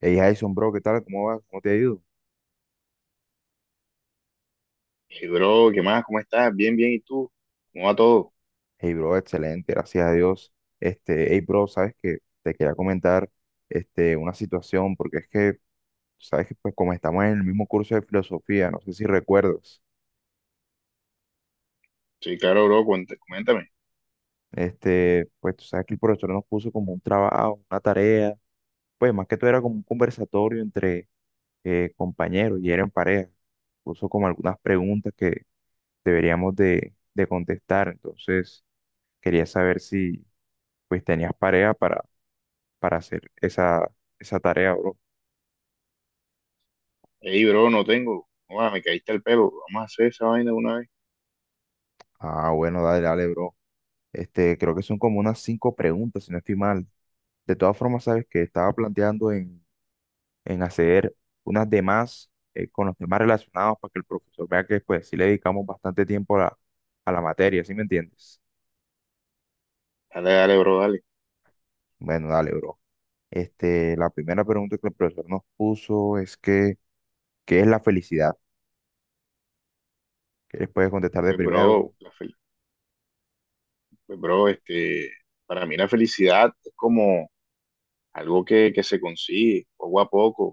Hey Jason, bro, ¿qué tal? ¿Cómo vas? ¿Cómo te ha ido? Hey, bro, ¿qué más? ¿Cómo estás? Bien, bien. ¿Y tú? ¿Cómo va todo? Hey, bro, excelente, gracias a Dios. Hey, bro, sabes que te quería comentar una situación, porque es que, sabes que pues como estamos en el mismo curso de filosofía, no sé si recuerdas, Sí, claro, bro. Coméntame. Pues tú sabes que el profesor nos puso como un trabajo, una tarea, pues más que todo era como un conversatorio entre compañeros y eran pareja. Puso como algunas preguntas que deberíamos de contestar, entonces quería saber si pues tenías pareja para hacer esa tarea, bro. Hey, bro, no tengo. Joda, me caíste el pelo. Vamos a hacer esa vaina de una vez. Ah, bueno, dale, dale, bro. Creo que son como unas cinco preguntas, si no estoy mal. De todas formas, sabes que estaba planteando en hacer unas demás con los temas relacionados para que el profesor vea que pues sí le dedicamos bastante tiempo a la materia, ¿sí me entiendes? Dale, dale, bro, dale. Bueno, dale, bro. La primera pregunta que el profesor nos puso es que, ¿qué es la felicidad? ¿Qué les puedes contestar de Pues, bro, primero? Pues, bro, para mí la felicidad es como algo que se consigue poco a poco.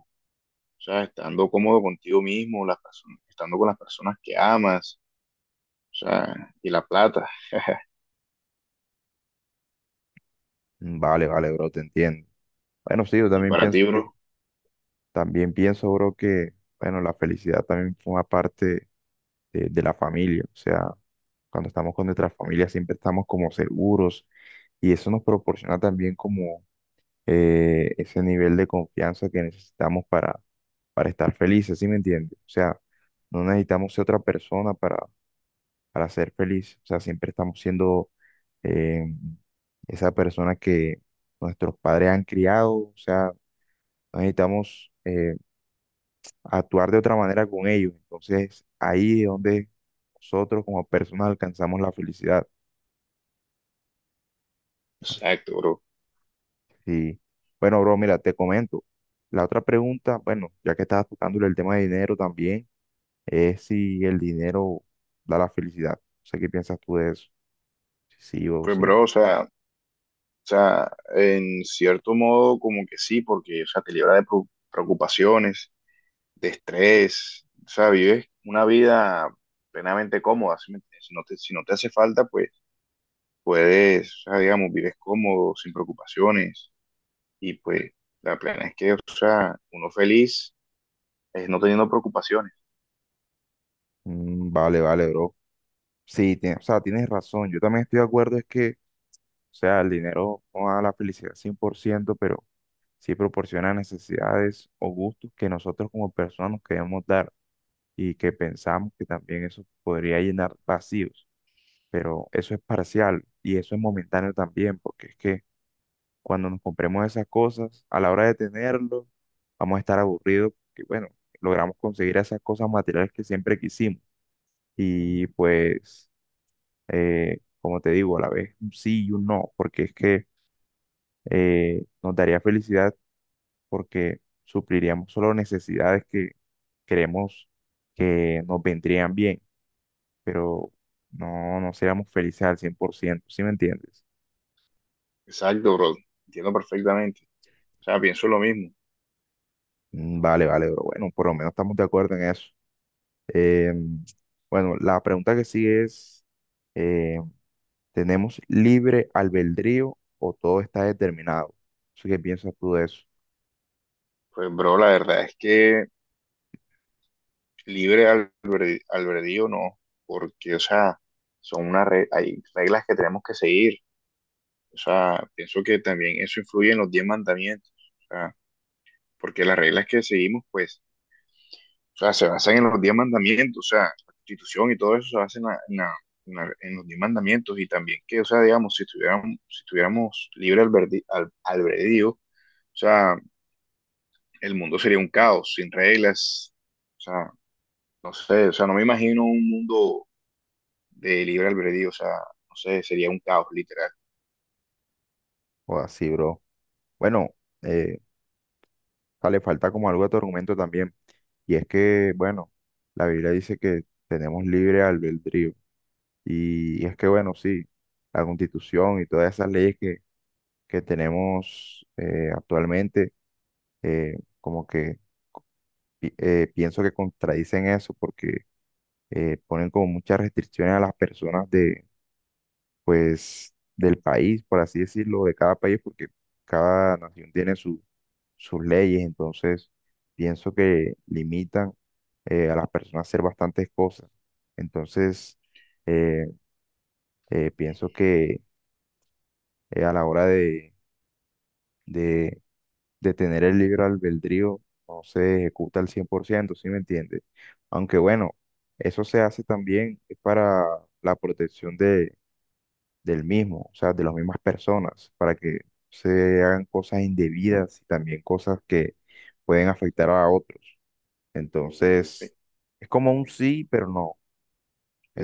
O sea, estando cómodo contigo mismo, las personas, estando con las personas que amas, o sea, y la plata. ¿Bro? Mm, vale, vale, bro, te entiendo. Bueno, sí, yo Y también para ti, pienso que bro. También pienso, bro, que, bueno, la felicidad también forma parte de la familia. O sea, cuando estamos con nuestra familia siempre estamos como seguros y eso nos proporciona también como ese nivel de confianza que necesitamos para, estar felices, ¿sí me entiendes? O sea, no necesitamos ser otra persona para, ser feliz. O sea, siempre estamos siendo eh, esa persona que nuestros padres han criado. O sea, no necesitamos actuar de otra manera con ellos. Entonces, ahí es donde nosotros como personas alcanzamos la felicidad. Exacto, bro. Y bueno, bro, mira, te comento. La otra pregunta, bueno, ya que estabas tocándole el tema de dinero también, es si el dinero da la felicidad. No sé qué piensas tú de eso, si sí o Pues, si bro, o no. sea. O sea, en cierto modo, como que sí, porque, o sea, te libra de preocupaciones, de estrés, o sea, vives una vida plenamente cómoda, ¿sí me entiendes? Si no te hace falta, pues puedes, o sea, digamos, vives cómodo, sin preocupaciones, y pues la plena es que, o sea, uno feliz es no teniendo preocupaciones. Mm, vale, vale, bro. Sí, o sea, tienes razón. Yo también estoy de acuerdo, es que, o sea, el dinero no da la felicidad 100%, pero sí proporciona necesidades o gustos que nosotros como personas nos queremos dar y que pensamos que también eso podría llenar vacíos, pero eso es parcial y eso es momentáneo también, porque es que cuando nos compremos esas cosas, a la hora de tenerlo, vamos a estar aburridos, porque bueno, logramos conseguir esas cosas materiales que siempre quisimos y pues, como te digo, a la vez un sí y un no, porque es que nos daría felicidad porque supliríamos solo necesidades que creemos que nos vendrían bien, pero no seríamos felices al 100%. ¿Sí me entiendes? Exacto, bro, entiendo perfectamente, o sea, pienso lo mismo. Mm, vale, vale, bro. Bueno, por lo menos estamos de acuerdo en eso. Em, bueno, la pregunta que sigue es, eh, ¿tenemos libre albedrío o todo está determinado? ¿Así que piensas tú de eso? Pues, bro, la verdad es que libre al, bre- al albedrío no, porque, o sea, hay reglas que tenemos que seguir. O sea, pienso que también eso influye en los diez mandamientos. O sea, porque las reglas que seguimos, pues, o sea, se basan en los diez mandamientos. O sea, la constitución y todo eso se basa en los diez mandamientos. Y también que, o sea, digamos, si tuviéramos libre albedrío, o sea, el mundo sería un caos, sin reglas. O sea, no sé, o sea, no me imagino un mundo de libre albedrío, o sea, no sé, sería un caos literal. O así, bro. Bueno, eh, le falta como algo de tu argumento también. Y es que, bueno, la Biblia dice que tenemos libre albedrío. Y es que, bueno, sí, la Constitución y todas esas leyes que tenemos actualmente, eh, como que pienso que contradicen eso porque ponen como muchas restricciones a las personas, pues, del país, por así decirlo, de cada país, porque cada nación tiene su, sus leyes, entonces pienso que limitan a las personas a hacer bastantes cosas. Entonces, eh, pienso que a la hora de, de tener el libre albedrío no se ejecuta al 100%. ¿Sí me entiendes? Aunque bueno, eso se hace también para la protección del mismo, o sea, de las mismas personas, para que se hagan cosas indebidas y también cosas que pueden afectar a otros. Entonces, es como un sí, pero no.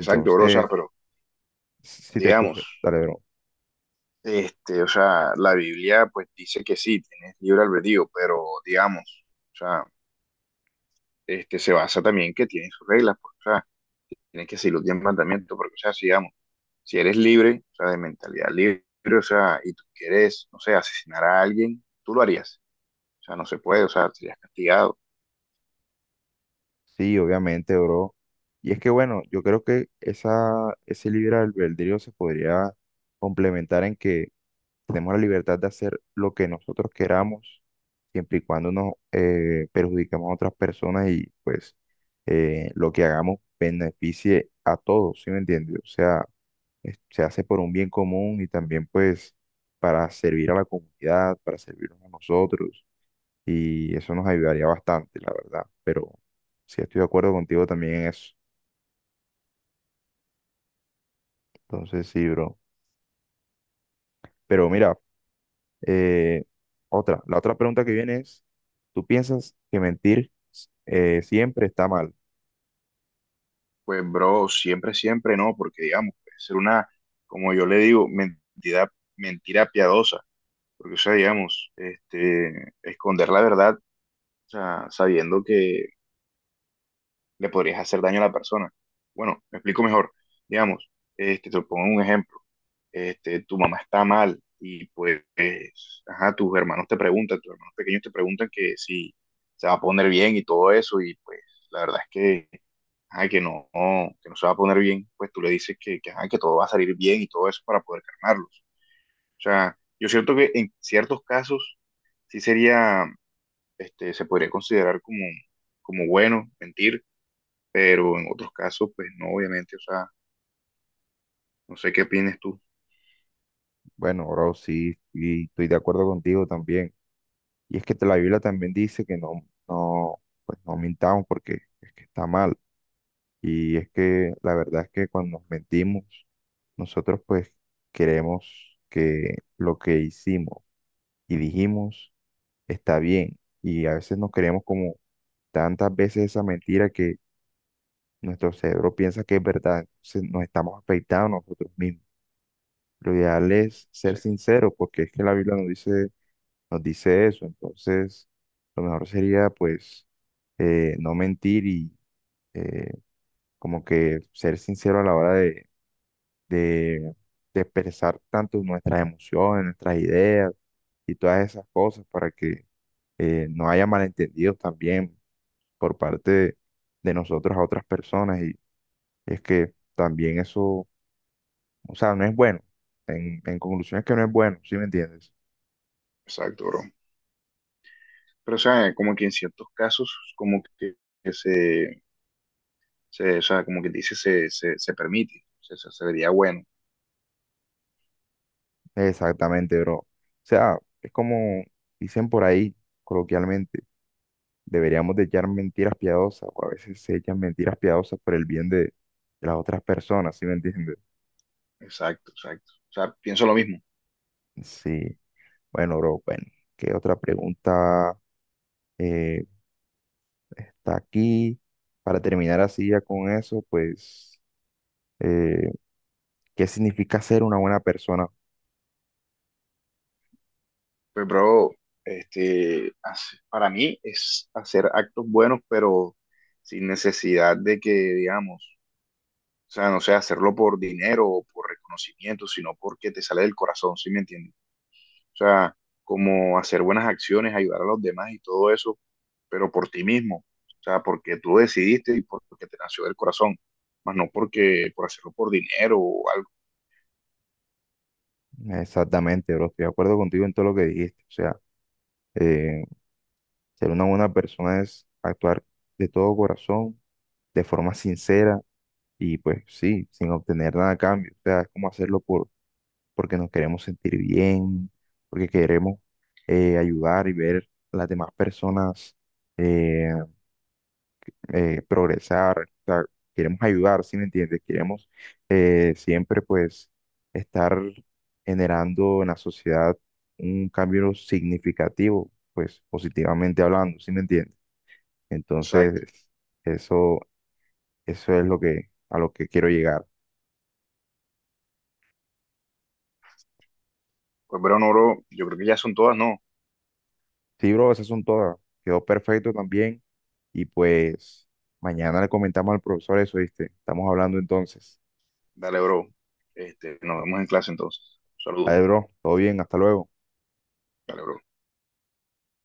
Exacto, bro, o sea, pero si te escucho, digamos, dale, bro. O sea, la Biblia pues dice que sí, tienes libre albedrío, pero digamos, o sea, se basa también que tiene sus reglas, pues, o sea, tienes que seguir los diez mandamientos, porque, o sea, si, digamos, si eres libre, o sea, de mentalidad libre, o sea, y tú quieres, no sé, asesinar a alguien, tú lo harías, o sea, no se puede, o sea, serías castigado. Sí, obviamente, bro. Y es que, bueno, yo creo que esa, ese libre albedrío se podría complementar en que tenemos la libertad de hacer lo que nosotros queramos, siempre y cuando nos perjudiquemos a otras personas y pues lo que hagamos beneficie a todos, ¿sí me entiendes? O sea, se hace por un bien común y también pues para servir a la comunidad, para servirnos a nosotros y eso nos ayudaría bastante, la verdad. Pero sí estoy de acuerdo contigo también en eso. Entonces sí, bro. Pero mira, Eh, la otra pregunta que viene es, ¿tú piensas que mentir siempre está mal? Pues, bro, siempre, siempre no, porque digamos, puede ser una, como yo le digo, mentira, piadosa, porque, o sea, digamos, esconder la verdad, o sea, sabiendo que le podrías hacer daño a la persona. Bueno, me explico mejor. Digamos, te pongo un ejemplo. Tu mamá está mal y pues, ajá, tus hermanos te preguntan, tus hermanos pequeños te preguntan que si se va a poner bien y todo eso, y pues, la verdad es que ajá, que no se va a poner bien, pues tú le dices ajá, que todo va a salir bien y todo eso para poder calmarlos. O sea, yo siento que en ciertos casos sí sería, se podría considerar como bueno mentir, pero en otros casos, pues no, obviamente, o sea, no sé qué opinas tú. Bueno, bro, sí, y estoy de acuerdo contigo también. Y es que la Biblia también dice que no, no, pues no mintamos porque es que está mal. Y es que la verdad es que cuando nos mentimos, nosotros pues queremos que lo que hicimos y dijimos está bien. Y a veces nos creemos como tantas veces esa mentira. Nuestro cerebro piensa que es verdad, entonces nos estamos afectando nosotros mismos. Lo ideal es ser Sí, sinceros, porque es que la Biblia nos dice eso. Entonces, lo mejor sería, pues, no mentir y eh, como que ser sincero a la hora de, de expresar tanto nuestras emociones, nuestras ideas y todas esas cosas para que no haya malentendidos también por parte de nosotros a otras personas. Y es que también eso. O sea, no es bueno. En conclusión es que no es bueno, ¿sí me entiendes? exacto, bro. Pero, o sea, como que en ciertos casos, como que o sea, como que dice, se permite, se vería bueno. Exactamente, bro. O sea, es como dicen por ahí, coloquialmente, deberíamos de echar mentiras piadosas, o a veces se echan mentiras piadosas por el bien de las otras personas, ¿sí me entiendes? Exacto, exacto. O sea, pienso lo mismo. Sí, bueno, bro, bueno, ¿qué otra pregunta eh, está aquí? Para terminar así ya con eso, pues, eh, ¿qué significa ser una buena persona? Pues, bro, para mí es hacer actos buenos, pero sin necesidad de que, digamos, o sea, no sé, hacerlo por dinero o por reconocimiento, sino porque te sale del corazón, ¿sí me entiendes? O sea, como hacer buenas acciones, ayudar a los demás y todo eso, pero por ti mismo, o sea, porque tú decidiste y porque te nació del corazón, más no porque por hacerlo por dinero o algo. Exactamente, bro, estoy de acuerdo contigo en todo lo que dijiste, o sea. Eh, Ser una buena persona es actuar de todo corazón, de forma sincera y pues sí, sin obtener nada a cambio. O sea, es como hacerlo porque nos queremos sentir bien, porque queremos ayudar y ver a las demás personas eh, progresar. O sea, queremos ayudar, ¿sí me entiendes? Queremos siempre pues estar generando en la sociedad un cambio significativo, pues positivamente hablando, ¿sí me entiendes? Exacto. Entonces, eso, eso es a lo que quiero llegar. Pues, bro, no, bro, yo creo que ya son todas, ¿no? Sí, bro, esas son todas. Quedó perfecto también. Y pues, mañana le comentamos al profesor eso, ¿viste? Estamos hablando entonces. Dale, bro. Nos vemos en clase entonces. Saludos. Dale, bro, todo bien, hasta luego. Dale, bro.